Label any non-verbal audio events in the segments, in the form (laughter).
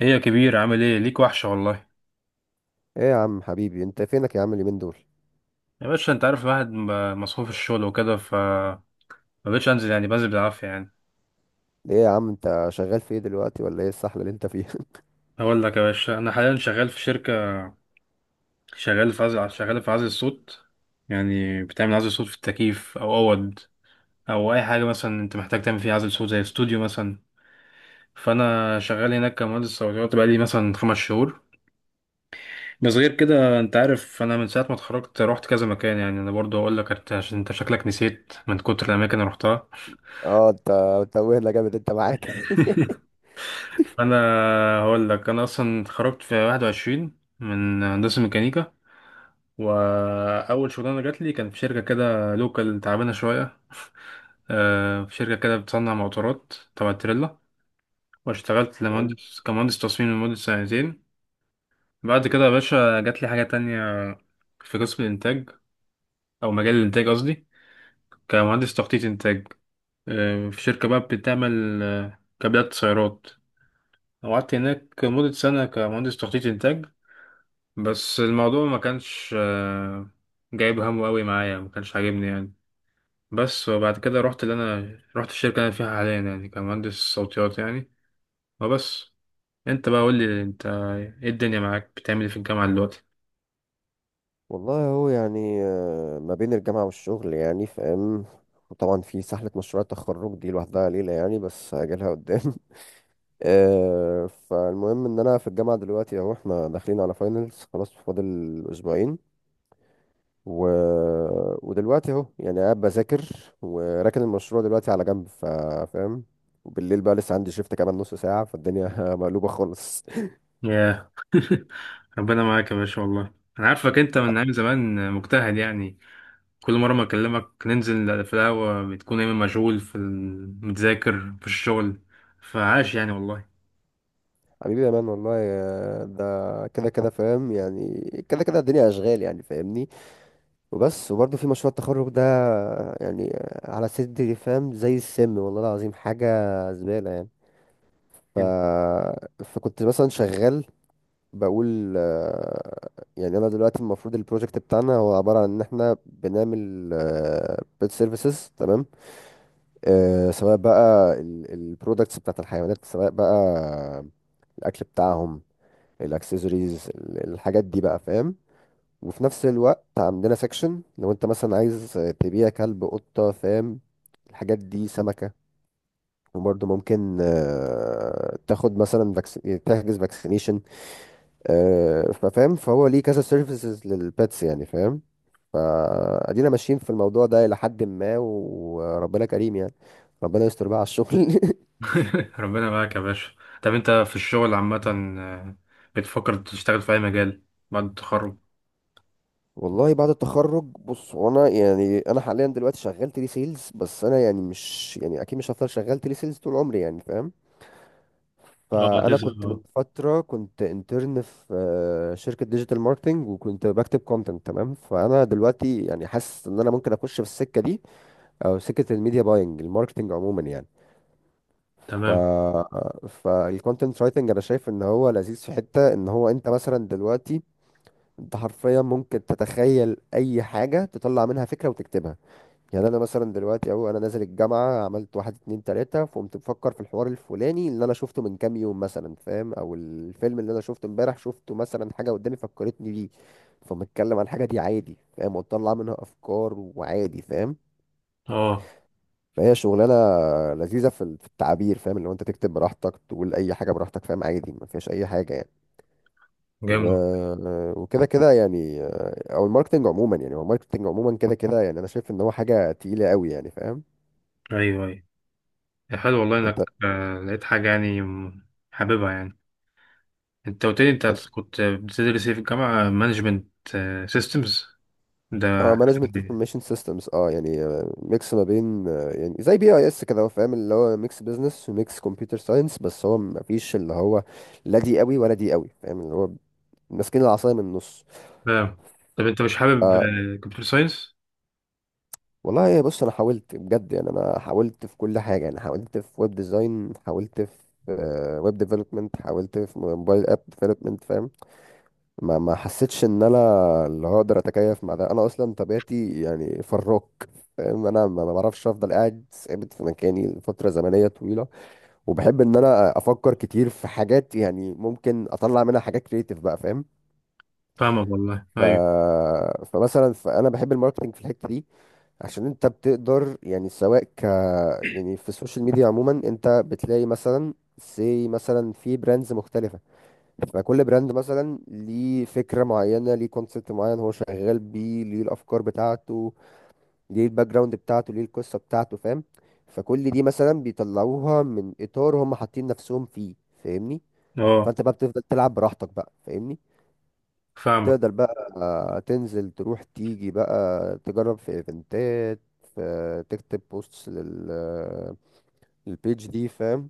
ايه يا كبير، عامل ايه؟ ليك وحشة والله. ايه يا عم حبيبي، انت فينك يا عم اليومين دول؟ يا باشا انت عارف الواحد مصحوف الشغل وكده، ف ما بقتش انزل يعني، بنزل بالعافية يعني. ايه يا عم انت شغال في ايه دلوقتي؟ ولا ايه السحله اللي انت فيها؟ (laughs) اقول لك يا باشا، انا حاليا شغال في شركة، شغال في عزل الصوت. يعني بتعمل عزل صوت في التكييف او اوض او اي حاجة مثلا انت محتاج تعمل فيها عزل صوت زي استوديو مثلا. فانا شغال هناك كمهندس صوتيات، بقالي مثلا 5 شهور. بس غير كده، انت عارف انا من ساعة ما اتخرجت رحت كذا مكان، يعني انا برضه اقول لك انت عشان انت شكلك نسيت من كتر الاماكن اللي رحتها. اه، انت متوهنا جامد انت معاك. (laughs) (laughs) فانا هقول لك انا اصلا اتخرجت في 21 من هندسه ميكانيكا، واول شغلانه جات لي كان في شركه كده لوكال تعبانه شويه. (laughs) في شركه كده بتصنع موتورات تبع تريلا، واشتغلت حلو. كمهندس تصميم لمده سنتين. بعد كده يا باشا جات لي حاجه تانية، في قسم الانتاج، او مجال الانتاج قصدي، كمهندس تخطيط انتاج. في شركه بقى بتعمل كابلات سيارات. قعدت هناك مدة سنة كمهندس تخطيط إنتاج. بس الموضوع ما كانش جايب همه قوي معايا، ما كانش عاجبني يعني. بس وبعد كده رحت، اللي انا رحت الشركه اللي انا فيها حاليا، يعني كمهندس صوتيات يعني، وبس. انت بقى قول لي انت، ايه الدنيا معاك؟ بتعمل ايه في الجامعه دلوقتي؟ والله هو يعني، ما بين الجامعه والشغل يعني فاهم. وطبعا في سحله مشروع التخرج دي لوحدها ليله يعني، بس هاجلها قدام. (laughs) فالمهم ان انا في الجامعه دلوقتي اهو، احنا داخلين على فاينلز خلاص، فاضل اسبوعين. و... ودلوقتي اهو يعني قاعد بذاكر، وراكن المشروع دلوقتي على جنب فاهم. وبالليل بقى لسه عندي شيفت كمان نص ساعة، فالدنيا (laughs) مقلوبة خالص. ياه. (laughs) ربنا معاك يا باشا والله. انا عارفك انت من ايام زمان مجتهد يعني، كل مره ما اكلمك ننزل في القهوه بتكون دايما مشغول في متذاكر في الشغل. فعاش يعني والله. حبيبي يا مان والله ده كده كده فاهم يعني، كده كده الدنيا أشغال يعني فاهمني. وبس، وبرضه في مشروع التخرج ده يعني على صدري فاهم زي السم والله العظيم، حاجة زبالة يعني. ف... فكنت مثلا شغال بقول يعني انا دلوقتي المفروض البروجكت بتاعنا هو عباره عن ان احنا بنعمل بيت سيرفيسز تمام. سواء بقى البرودكتس بتاعت الحيوانات، سواء بقى الاكل بتاعهم، الاكسسوارز، الحاجات دي بقى فاهم. وفي نفس الوقت عندنا سيكشن لو انت مثلا عايز تبيع كلب، قطه فاهم، الحاجات دي، سمكه. وبرضه ممكن تاخد مثلا تحجز فاكسينيشن. ففاهم، فهو ليه كذا سيرفيسز للبيتس يعني فاهم. فادينا ماشيين في الموضوع ده الى حد ما وربنا كريم يعني، ربنا يستر بقى على الشغل. (laughs) (laughs) ربنا معاك يا باشا. طب انت في الشغل عامة، آه، بتفكر تشتغل في اي مجال بعد التخرج؟ والله بعد التخرج بص هو انا يعني انا حاليا دلوقتي شغال تيلي سيلز، بس انا يعني مش يعني اكيد مش هفضل شغال تيلي سيلز طول عمري يعني فاهم. اه فانا تسأل، كنت من اه. فتره كنت انترن في شركه ديجيتال ماركتنج وكنت بكتب كونتنت تمام، فانا دلوقتي يعني حاسس ان انا ممكن اخش في السكه دي، او سكه الميديا باينج، الماركتنج عموما يعني. ف تمام. فالكونتنت رايتنج انا شايف ان هو لذيذ في حته ان هو انت مثلا دلوقتي انت حرفيا ممكن تتخيل اي حاجه تطلع منها فكره وتكتبها. يعني انا مثلا دلوقتي اهو انا نازل الجامعه، عملت واحد اتنين تلاته، فقمت بفكر في الحوار الفلاني اللي انا شفته من كام يوم مثلا فاهم، او الفيلم اللي انا شفته امبارح شفته مثلا، حاجه قدامي فكرتني بيه. فبتكلم عن الحاجه دي عادي فاهم، وتطلع منها افكار وعادي فاهم. اه. فهي شغلانه لذيذه في في التعبير فاهم، اللي هو انت تكتب براحتك، تقول اي حاجه براحتك فاهم، عادي ما فيهاش اي حاجه يعني. و... جامد. وكده كده يعني او الماركتنج عموما يعني، هو الماركتنج عموما كده كده (laughs) يعني انا شايف ان هو حاجه تقيله قوي يعني فاهم. ايوه، ايوه. يا حلو والله انت. انك لقيت حاجة يعني حاببها يعني. انت قلت لي انت انت. كنت بتدرس ايه في الجامعة؟ مانجمنت سيستمز، ده؟ اه، مانجمنت انفورميشن سيستمز اه يعني، ميكس ما بين يعني زي بي اي اس كده هو فاهم، اللي هو ميكس بزنس وميكس كمبيوتر ساينس، بس هو ما فيش اللي هو لا دي قوي ولا دي قوي فاهم، اللي هو ماسكين العصايه من النص. تمام. طب انت مش حابب كمبيوتر ساينس؟ والله بص انا حاولت بجد يعني، انا حاولت في كل حاجه يعني، حاولت في ويب ديزاين، حاولت في ويب ديفلوبمنت، حاولت في موبايل اب ديفلوبمنت فاهم. ما حسيتش ان انا اللي هقدر اتكيف مع ده، انا اصلا طبيعتي يعني فراك فاهم، انا ما بعرفش افضل قاعد ثابت في مكاني لفتره زمنيه طويله. وبحب ان انا افكر كتير في حاجات يعني ممكن اطلع منها حاجات كريتيف بقى فاهم. فاهمك والله، ف... ايوه. فمثلا فانا بحب الماركتنج في الحته دي عشان انت بتقدر يعني، سواء يعني في السوشيال ميديا عموما انت بتلاقي مثلا سي مثلا في براندز مختلفة. فكل براند مثلا ليه فكرة معينة، ليه كونسبت معين هو شغال بيه، ليه الأفكار بتاعته، ليه الباك جراوند بتاعته، ليه القصة بتاعته فاهم. فكل دي مثلا بيطلعوها من إطار هم حاطين نفسهم فيه فاهمني. اه. فانت بقى بتفضل تلعب براحتك بقى فاهمني. فاهمك. تقدر بقى تنزل تروح تيجي بقى، تجرب في ايفنتات، تكتب بوستس لل للبيج دي فاهم.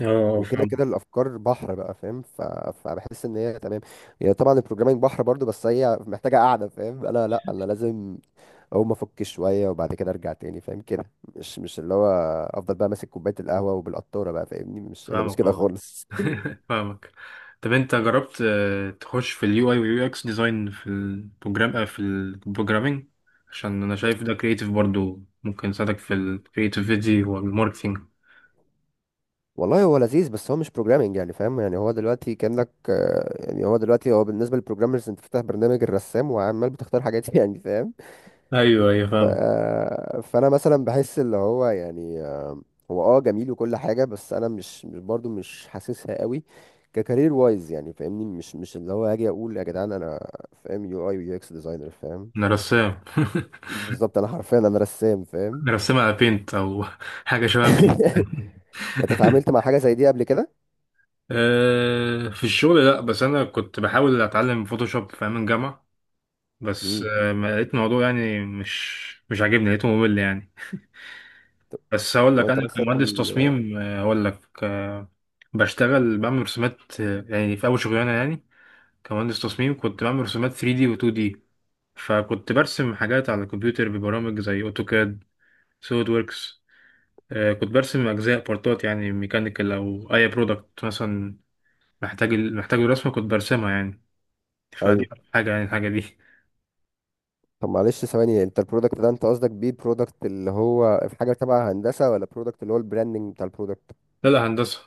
اه. وكده فاهمك. كده الافكار بحر بقى فاهم. فبحس ان هي تمام. هي طبعا البروجرامينج بحر برضو، بس هي محتاجه قاعده فاهم. انا لا، انا لازم اقوم افك شويه وبعد كده ارجع تاني فاهم كده. مش اللي هو افضل بقى ماسك كوبايه القهوه وبالقطاره بقى فاهمني، مش انا مش فاهمك كده والله. خالص. (laughs) فاهمك. طب انت جربت تخش في اليو اي واليو اكس ديزاين، في البروجرامينج؟ عشان انا شايف ده كريتيف، برضو ممكن يساعدك في الكريتيفيتي والماركتينج. والله هو لذيذ بس هو مش بروجرامنج يعني فاهم، يعني هو دلوقتي كأنك يعني هو دلوقتي هو بالنسبة للبروجرامرز انت فاتح برنامج الرسام وعمال بتختار حاجات (laughs) يعني فاهم. ايوه ايوه ف... فاهم. آه، فانا مثلا بحس اللي هو يعني هو جميل وكل حاجة، بس انا مش مش برضو مش حاسسها قوي ككارير وايز يعني فاهمني. مش اللي هو هاجي اقول يا جدعان انا فاهم يو اي ويو اكس ديزاينر فاهم. انا رسام. (laughs) بالظبط انا حرفيا انا رسام فاهم. انا رسام على بينت، او (laughs) حاجه شبه بينت. (laughs) (laughs) انت اتعاملت مع حاجة زي دي قبل كده؟ في الشغل لا، بس انا كنت بحاول اتعلم فوتوشوب في ايام الجامعه، بس امم. ما لقيت الموضوع يعني، مش عاجبني، لقيته ممل يعني. طب بس هقول طب لك انت انا مثلا كمهندس تصميم، هقول لك، بشتغل بعمل رسومات، يعني في اول شغلانه يعني، كمهندس تصميم كنت بعمل رسومات 3D و 2D، فكنت برسم حاجات على الكمبيوتر ببرامج زي اوتوكاد، سوليد وركس. كنت برسم اجزاء بارتات يعني، ميكانيكال او اي برودكت مثلا، محتاج الرسمه كنت برسمها يعني. فدي ايوه. أكتر حاجه يعني، الحاجه دي. طب معلش ثواني، انت البرودكت ده انت قصدك بيه البرودكت اللي هو في حاجه تبع هندسه، ولا برودكت اللي هو البراندنج بتاع البرودكت؟ لا لا، هندسة.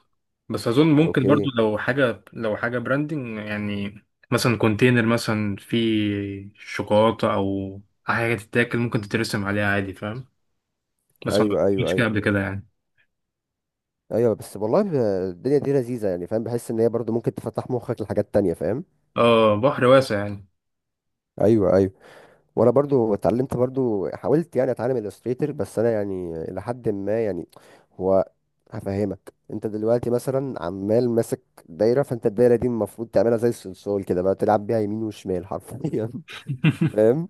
بس أظن ممكن برضو، اوكي. لو حاجة براندنج يعني، مثلا كونتينر مثلا فيه شوكولاتة أو حاجة تتاكل ممكن تترسم عليها عادي، فاهم. بس ما ايوه ايوه عملتش كده ايوه. قبل كده يعني. ايوه بس والله الدنيا دي لذيذه يعني فاهم، بحس ان هي برضو ممكن تفتح مخك لحاجات تانية فاهم. اه، بحر واسع يعني. ايوه ايوه. وانا برضو اتعلمت، برضو حاولت يعني اتعلم الستريتور، بس انا يعني لحد ما يعني، هو هفهمك انت دلوقتي مثلا عمال ماسك دايره، فانت الدايره دي المفروض تعملها زي الصلصال كده بقى، تلعب بيها يمين وشمال حرفيا. (laughs) (laughs) فاهم.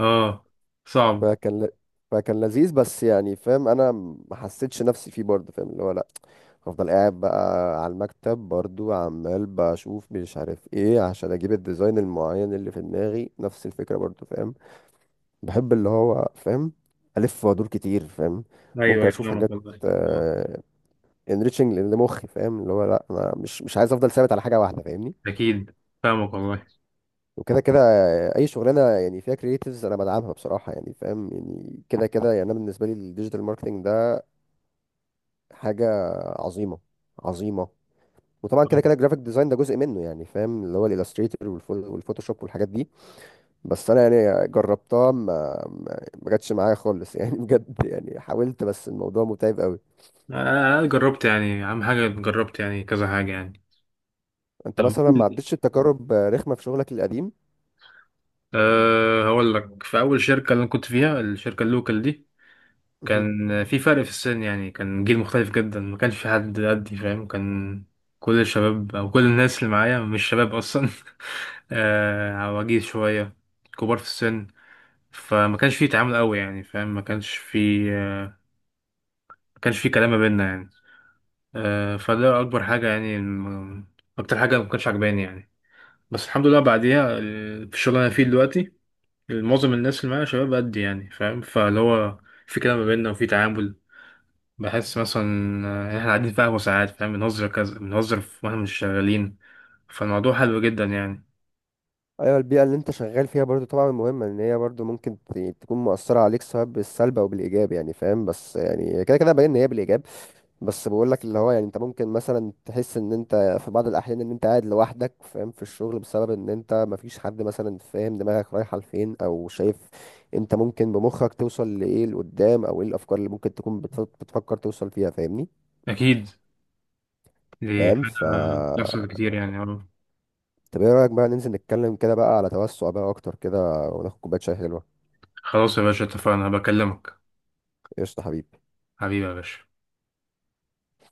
اه، صعب. فكان ل... فكان لذيذ بس يعني فاهم، انا ما حسيتش نفسي فيه برضه فاهم اللي هو لا، هفضل قاعد بقى على المكتب برضه عمال بشوف مش عارف ايه عشان اجيب الديزاين المعين اللي في دماغي نفس الفكره برضه فاهم. بحب اللي هو فاهم الف وادور كتير فاهم. أيوه، ممكن أيوة، اشوف فاهمك حاجات والله. آه، انريتشنج لمخي فاهم، اللي هو لا انا مش عايز افضل ثابت على حاجه واحده فاهمني. أكيد فاهمك والله. وكده كده اي شغلانه يعني فيها كرييتيفز انا بدعمها بصراحه يعني فاهم، يعني كده كده يعني انا بالنسبه لي الديجيتال ماركتنج حاجة عظيمة، عظيمة. وطبعا كده كده الجرافيك ديزاين ده جزء منه يعني فاهم، اللي هو الالستريتور والفوتوشوب والحاجات دي، بس انا يعني جربتها ما جاتش معايا خالص يعني (laughs) بجد يعني حاولت بس الموضوع متعب قوي. أنا جربت يعني، أهم حاجة جربت يعني كذا حاجة يعني. انت طب، مثلا ما عدتش التجارب رخمة في شغلك القديم؟ أه، هقول لك في أول شركة اللي أنا كنت فيها، الشركة اللوكال دي، مهم. كان في فرق في السن يعني، كان جيل مختلف جدا، ما كانش في حد قدي فاهم. كان كل الشباب، او كل الناس اللي معايا مش شباب اصلا، (laughs) عواجيز شويه، كبار في السن. فما كانش في تعامل قوي يعني، فاهم، ما كانش في كلام ما بيننا يعني. فده اكبر حاجه يعني، اكتر حاجه ما كانتش عجباني يعني. بس الحمد لله بعديها، في الشغل اللي انا فيه دلوقتي، معظم الناس اللي معايا شباب قدي يعني، فاهم، فاللي هو في كلام ما بيننا وفي تعامل. بحس مثلا، احنا قاعدين في قهوة ساعات، فاهم، بنهزر كذا، بنهزر واحنا مش شغالين. فالموضوع حلو جدا يعني. ايوه، البيئة اللي انت شغال فيها برضو طبعا مهمة، ان هي برضو ممكن تكون مؤثرة عليك سواء بالسلب او بالايجاب يعني فاهم، بس يعني كده كده باين ان هي بالايجاب. بس بقول لك اللي هو يعني انت ممكن مثلا تحس ان انت في بعض الاحيان ان انت قاعد لوحدك فاهم في الشغل، بسبب ان انت مفيش حد مثلا فاهم دماغك رايحه لفين او شايف انت ممكن بمخك توصل لايه لقدام، او ايه الافكار اللي ممكن تكون بتفكر توصل فيها فاهمني. أكيد، دي فاهم ف حاجة بتحصل كتير يعني، آه. طب ايه رايك بقى ننزل نتكلم كده بقى على توسع بقى اكتر كده، وناخد كوبايه شاي حلوه. خلاص يا باشا، اتفقنا، بكلمك. قشطه حبيبي. حبيبي يا باشا.